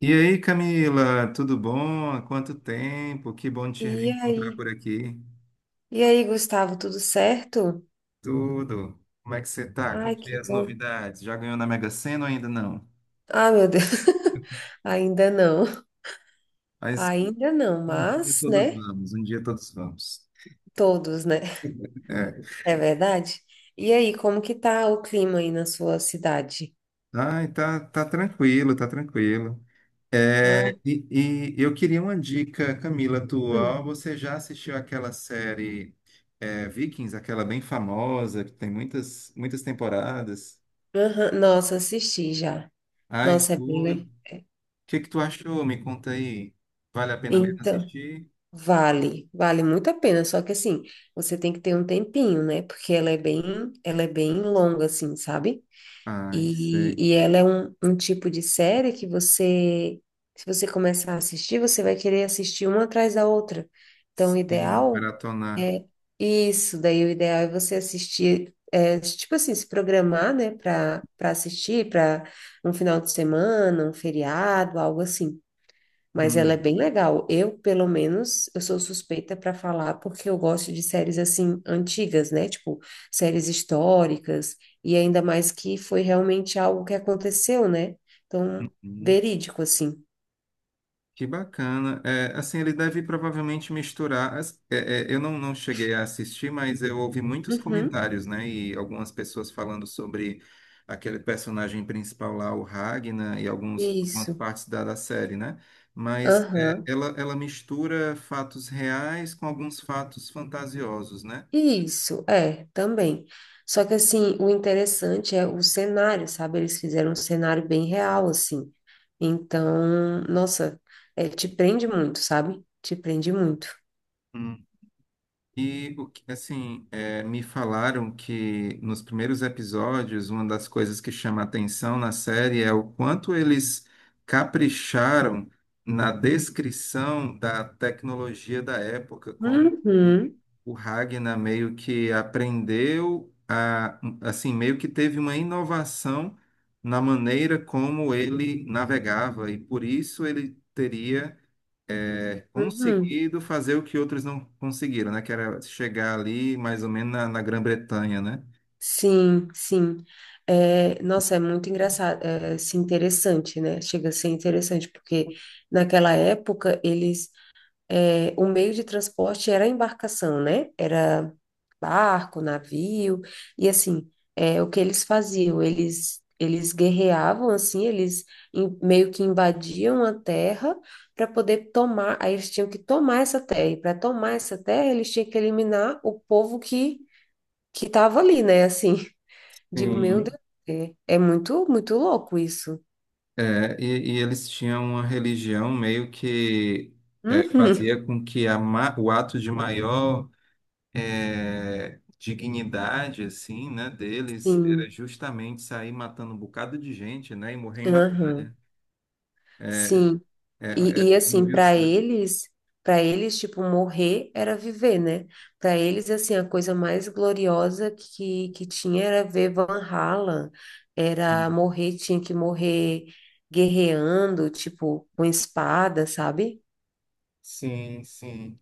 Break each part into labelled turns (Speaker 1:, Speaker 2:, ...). Speaker 1: E aí, Camila, tudo bom? Há quanto tempo? Que bom te
Speaker 2: E
Speaker 1: reencontrar
Speaker 2: aí?
Speaker 1: por aqui.
Speaker 2: E aí, Gustavo, tudo certo?
Speaker 1: Tudo. Como é que você tá?
Speaker 2: Ai,
Speaker 1: Contei
Speaker 2: que
Speaker 1: as
Speaker 2: bom.
Speaker 1: novidades. Já ganhou na Mega Sena ou ainda não?
Speaker 2: Ah, meu Deus. Ainda não.
Speaker 1: Mas
Speaker 2: Ainda não,
Speaker 1: um dia
Speaker 2: mas,
Speaker 1: todos
Speaker 2: né?
Speaker 1: vamos, um dia todos vamos.
Speaker 2: Todos, né?
Speaker 1: É.
Speaker 2: É verdade? E aí, como que tá o clima aí na sua cidade?
Speaker 1: Ai, tá tranquilo, tá tranquilo. É,
Speaker 2: Ai,
Speaker 1: e, e eu queria uma dica, Camila,
Speaker 2: hum.
Speaker 1: tua. Você já assistiu aquela série Vikings, aquela bem famosa, que tem muitas temporadas?
Speaker 2: Aham. Nossa, assisti já.
Speaker 1: Ai,
Speaker 2: Nossa, é bem.
Speaker 1: fui. O
Speaker 2: Le-
Speaker 1: que que tu achou? Me conta aí. Vale a pena mesmo
Speaker 2: Então,
Speaker 1: assistir?
Speaker 2: vale muito a pena, só que assim, você tem que ter um tempinho, né? Porque ela é bem longa assim, sabe?
Speaker 1: Ah,
Speaker 2: E,
Speaker 1: sei.
Speaker 2: e ela é um tipo de série que você, se você começar a assistir, você vai querer assistir uma atrás da outra. Então, o
Speaker 1: Sim,
Speaker 2: ideal
Speaker 1: maratonar.
Speaker 2: é isso. Daí, o ideal é você assistir, é, tipo assim, se programar, né, para assistir, para um final de semana, um feriado, algo assim. Mas ela é
Speaker 1: Hum,
Speaker 2: bem legal. Eu, pelo menos, eu sou suspeita para falar porque eu gosto de séries assim antigas, né? Tipo, séries históricas e ainda mais que foi realmente algo que aconteceu, né? Então,
Speaker 1: hum.
Speaker 2: verídico assim.
Speaker 1: Que bacana. É, assim, ele deve provavelmente misturar. Eu não cheguei a assistir, mas eu ouvi muitos
Speaker 2: Uhum.
Speaker 1: comentários, né? E algumas pessoas falando sobre aquele personagem principal lá, o Ragnar, e algumas
Speaker 2: Isso.
Speaker 1: partes da série, né? Mas é,
Speaker 2: Aham.
Speaker 1: ela mistura fatos reais com alguns fatos fantasiosos, né?
Speaker 2: Isso, é, também. Só que assim, o interessante é o cenário, sabe? Eles fizeram um cenário bem real assim. Então, nossa, é, te prende muito, sabe? Te prende muito.
Speaker 1: Hum. E assim, é, me falaram que nos primeiros episódios, uma das coisas que chama atenção na série é o quanto eles capricharam na descrição da tecnologia da época, como
Speaker 2: Uhum.
Speaker 1: o Ragnar meio que aprendeu a, assim, meio que teve uma inovação na maneira como ele navegava, e por isso ele teria Uhum
Speaker 2: Uhum.
Speaker 1: conseguido fazer o que outros não conseguiram, né? Que era chegar ali mais ou menos na Grã-Bretanha, né?
Speaker 2: Sim, sim. É, nossa, é muito engraçado, é, assim, interessante, né? Chega a ser interessante, porque naquela época eles, é, o meio de transporte era a embarcação, né? Era barco, navio, e assim, é, o que eles faziam? Eles guerreavam, assim, eles in- meio que invadiam a terra para poder tomar, aí eles tinham que tomar essa terra, e para tomar essa terra eles tinham que eliminar o povo que tava ali, né? Assim, digo, meu
Speaker 1: Sim.
Speaker 2: Deus, é, é muito, muito louco isso.
Speaker 1: E eles tinham uma religião meio que
Speaker 2: Uhum,
Speaker 1: fazia com que o ato de maior dignidade, assim, né, deles era
Speaker 2: sim,
Speaker 1: justamente sair matando um bocado de gente, né? E morrer em
Speaker 2: uhum,
Speaker 1: batalha.
Speaker 2: sim. E, e
Speaker 1: Não
Speaker 2: assim,
Speaker 1: viu o saco.
Speaker 2: para eles, tipo, morrer era viver, né? Para eles, assim, a coisa mais gloriosa que tinha era ver Van Halen, era morrer, tinha que morrer guerreando, tipo, com espada, sabe?
Speaker 1: Sim, sim.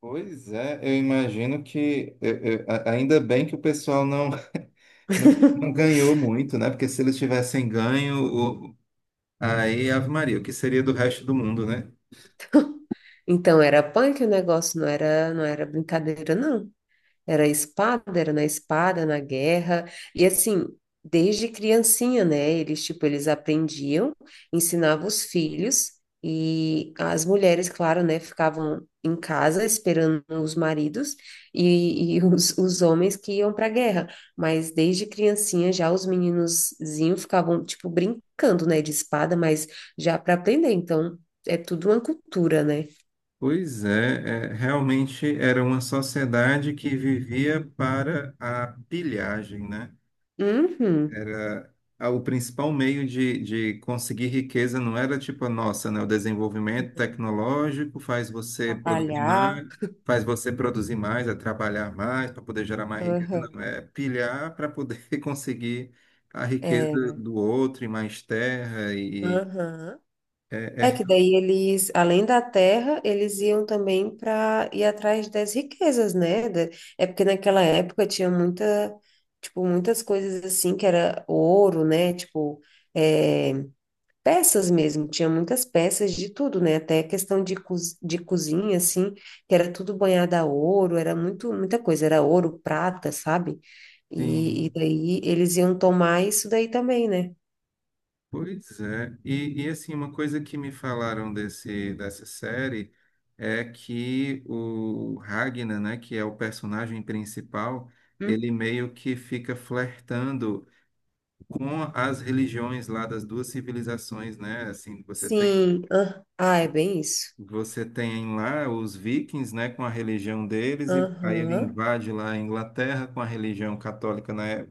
Speaker 1: Pois é, eu imagino que ainda bem que o pessoal não ganhou muito, né? Porque se eles tivessem ganho, o- aí Ave Maria, o que seria do resto do mundo, né?
Speaker 2: Então era punk o negócio, não era, não era brincadeira, não. Era espada, era na espada, na guerra. E assim, desde criancinha, né? Eles, tipo, eles aprendiam, ensinavam os filhos e as mulheres, claro, né? Ficavam em casa esperando os maridos e os homens que iam para a guerra. Mas desde criancinha já os meninozinhos ficavam, tipo, brincando, né? De espada, mas já para aprender. Então, é tudo uma cultura, né?
Speaker 1: Pois é, é, realmente era uma sociedade que vivia para a pilhagem, né?
Speaker 2: Uhum.
Speaker 1: Era, ah, o principal meio de conseguir riqueza não era tipo a nossa, né? O desenvolvimento tecnológico faz você produzir
Speaker 2: Trabalhar.
Speaker 1: mais, faz você produzir mais, é trabalhar mais para poder gerar mais riqueza.
Speaker 2: Aham.
Speaker 1: Não, é pilhar para poder conseguir a riqueza
Speaker 2: É.
Speaker 1: do outro e mais terra e
Speaker 2: Aham.
Speaker 1: é,
Speaker 2: É
Speaker 1: é,
Speaker 2: que daí eles, além da terra, eles iam também para ir atrás das riquezas, né? Da- É porque naquela época tinha muita, tipo, muitas coisas assim que era ouro, né? Tipo, é, peças mesmo, tinha muitas peças de tudo, né? Até questão de, co de cozinha, assim, que era tudo banhado a ouro, era muito, muita coisa, era ouro, prata, sabe? E
Speaker 1: sim.
Speaker 2: daí eles iam tomar isso daí também, né?
Speaker 1: Pois é, e assim, uma coisa que me falaram dessa série é que o Ragnar, né, que é o personagem principal, ele meio que fica flertando com as religiões lá das duas civilizações, né, assim,
Speaker 2: Sim. Ah, ah, é bem isso.
Speaker 1: você tem lá os vikings, né, com a religião deles, e aí ele
Speaker 2: Aham.
Speaker 1: invade lá a Inglaterra com a religião católica, né,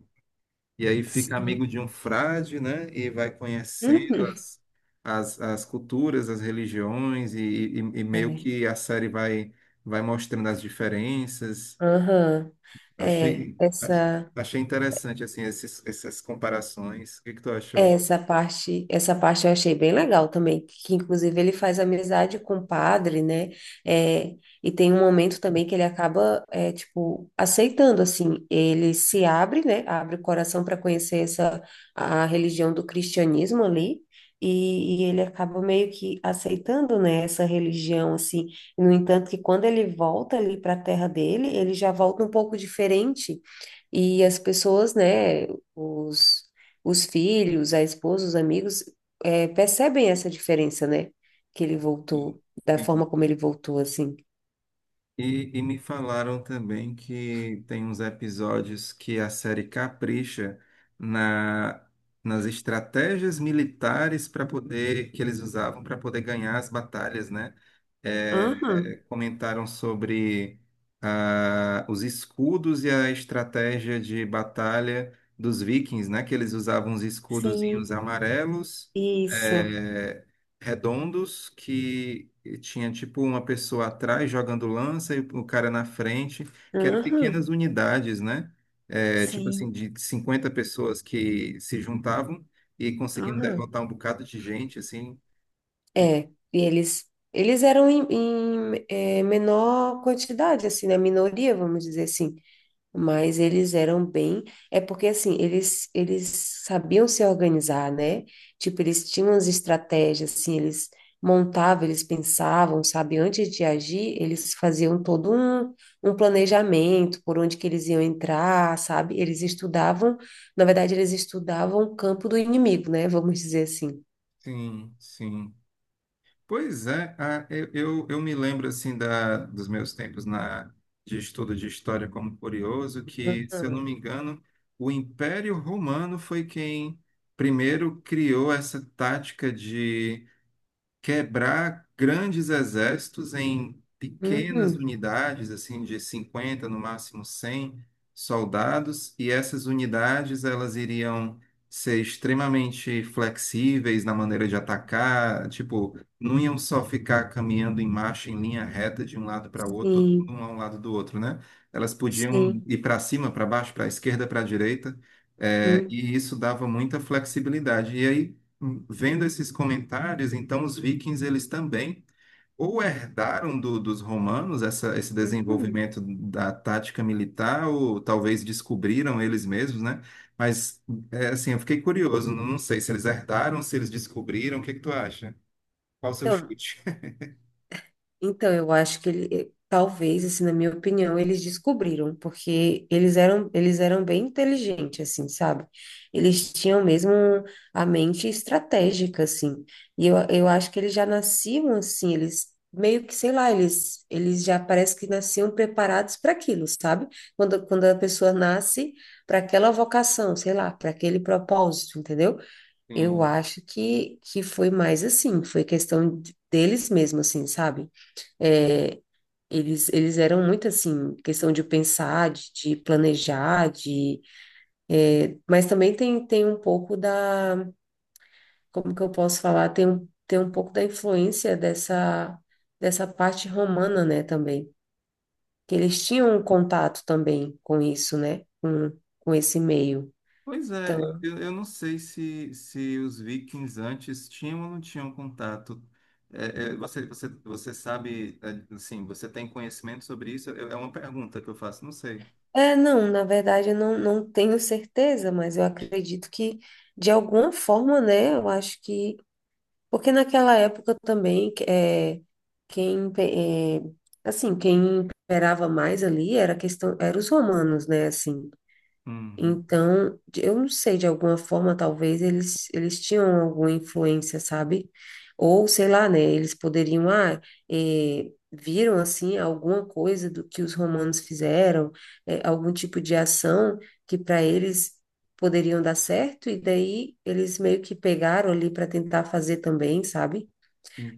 Speaker 1: e aí fica
Speaker 2: Sim.
Speaker 1: amigo de um frade, né? E vai conhecendo
Speaker 2: Uhum.
Speaker 1: as culturas, as religiões, e meio
Speaker 2: É.
Speaker 1: que a série vai, vai mostrando as diferenças.
Speaker 2: Aham.
Speaker 1: Eu
Speaker 2: É,
Speaker 1: achei, ach-
Speaker 2: essa.
Speaker 1: Achei interessante, assim, essas comparações. O que que tu achou?
Speaker 2: Essa parte eu achei bem legal também, que inclusive ele faz amizade com o padre, né? É, e tem um momento também que ele acaba, é, tipo, aceitando, assim, ele se abre, né? Abre o coração para conhecer essa, a religião do cristianismo ali, e ele acaba meio que aceitando, né, essa religião, assim. No entanto, que quando ele volta ali para a terra dele, ele já volta um pouco diferente e as pessoas, né, os, os filhos, a esposa, os amigos, percebem essa diferença, né? Que ele voltou, da forma como ele voltou, assim.
Speaker 1: E me falaram também que tem uns episódios que a série capricha na, nas estratégias militares para poder que eles usavam para poder ganhar as batalhas, né? É,
Speaker 2: Aham,
Speaker 1: Comentaram sobre, ah, os escudos e a estratégia de batalha dos vikings, né? Que eles usavam os escudozinhos
Speaker 2: sim,
Speaker 1: amarelos.
Speaker 2: isso.
Speaker 1: É, redondos que tinha tipo uma pessoa atrás jogando lança e o cara na frente, que eram
Speaker 2: Aham,
Speaker 1: pequenas unidades, né? É, tipo assim,
Speaker 2: sim,
Speaker 1: de 50 pessoas que se juntavam e conseguiam
Speaker 2: aham.
Speaker 1: derrotar um bocado de gente, assim.
Speaker 2: É, e eles eram em menor quantidade, assim, na minoria, vamos dizer assim. Mas eles eram bem. É porque, assim, eles sabiam se organizar, né? Tipo, eles tinham as estratégias, assim, eles montavam, eles pensavam, sabe? Antes de agir, eles faziam todo um, um planejamento por onde que eles iam entrar, sabe? Eles estudavam, na verdade, eles estudavam o campo do inimigo, né? Vamos dizer assim.
Speaker 1: Sim, sim. Pois é, ah, eu me lembro assim dos meus tempos de estudo de história como curioso, que, se eu não
Speaker 2: Aham.
Speaker 1: me engano, o Império Romano foi quem primeiro criou essa tática de quebrar grandes exércitos em pequenas
Speaker 2: Uhum.
Speaker 1: unidades, assim, de 50 no máximo 100 soldados, e essas unidades elas iriam ser extremamente flexíveis na maneira de atacar, tipo, não iam só ficar caminhando em marcha, em linha reta, de um lado para o outro, todo
Speaker 2: Sim,
Speaker 1: mundo a um lado do outro, né? Elas podiam
Speaker 2: sim.
Speaker 1: ir para cima, para baixo, para a esquerda, para a direita, eh,
Speaker 2: Uhum.
Speaker 1: e isso dava muita flexibilidade. E aí, vendo esses comentários, então os vikings eles também ou herdaram dos romanos esse
Speaker 2: Uhum.
Speaker 1: desenvolvimento da tática militar, ou talvez descobriram eles mesmos, né? Mas é, assim, eu fiquei curioso, não não sei se eles herdaram, se eles descobriram, o que que tu acha? Qual o seu
Speaker 2: Então.
Speaker 1: chute?
Speaker 2: Então, eu acho que ele, talvez, assim, na minha opinião, eles descobriram, porque eles eram bem inteligentes, assim, sabe? Eles tinham mesmo a mente estratégica, assim. E eu acho que eles já nasciam assim, eles meio que, sei lá, eles já parece que nasciam preparados para aquilo, sabe? Quando, quando a pessoa nasce para aquela vocação, sei lá, para aquele propósito, entendeu? Eu
Speaker 1: Sim.
Speaker 2: acho que foi mais assim, foi questão de- deles mesmo, assim, sabe? É, eles eram muito assim, questão de pensar, de planejar, de, é, mas também tem, tem um pouco da, como que eu posso falar, tem um pouco da influência dessa, dessa parte romana, né, também, que eles tinham um contato também com isso, né, com esse meio.
Speaker 1: Pois é,
Speaker 2: Então,
Speaker 1: eu não sei se os vikings antes tinham ou não tinham contato. É, você, você sabe, é, assim, você tem conhecimento sobre isso? É é uma pergunta que eu faço, não sei.
Speaker 2: é, não, na verdade eu não, não tenho certeza, mas eu acredito que, de alguma forma, né, eu acho que porque naquela época também, é, quem, pe- é, assim, quem imperava mais ali era a questão, eram os romanos, né, assim.
Speaker 1: Uhum.
Speaker 2: Então, eu não sei, de alguma forma, talvez eles, eles tinham alguma influência, sabe? Ou, sei lá, né? Eles poderiam, ah, viram, assim, alguma coisa do que os romanos fizeram, algum tipo de ação que para eles poderiam dar certo, e daí eles meio que pegaram ali para tentar fazer também, sabe?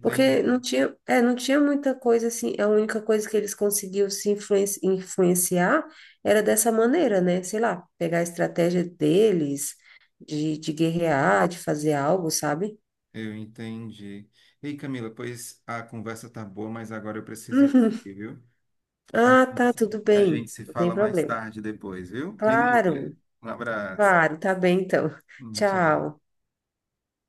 Speaker 2: Porque não tinha, é, não tinha muita coisa assim. A única coisa que eles conseguiam se influenci- influenciar era dessa maneira, né? Sei lá, pegar a estratégia deles, de guerrear, de fazer algo, sabe?
Speaker 1: eu entendi. Ei, Camila, pois a conversa tá boa, mas agora eu preciso ir
Speaker 2: Uhum.
Speaker 1: aqui, viu? A
Speaker 2: Ah,
Speaker 1: gente
Speaker 2: tá,
Speaker 1: se
Speaker 2: tudo
Speaker 1: a
Speaker 2: bem.
Speaker 1: gente se
Speaker 2: Não tem
Speaker 1: fala mais
Speaker 2: problema.
Speaker 1: tarde depois, viu? Me
Speaker 2: Claro,
Speaker 1: liga. Um abraço.
Speaker 2: claro, tá bem então.
Speaker 1: Tchau.
Speaker 2: Tchau.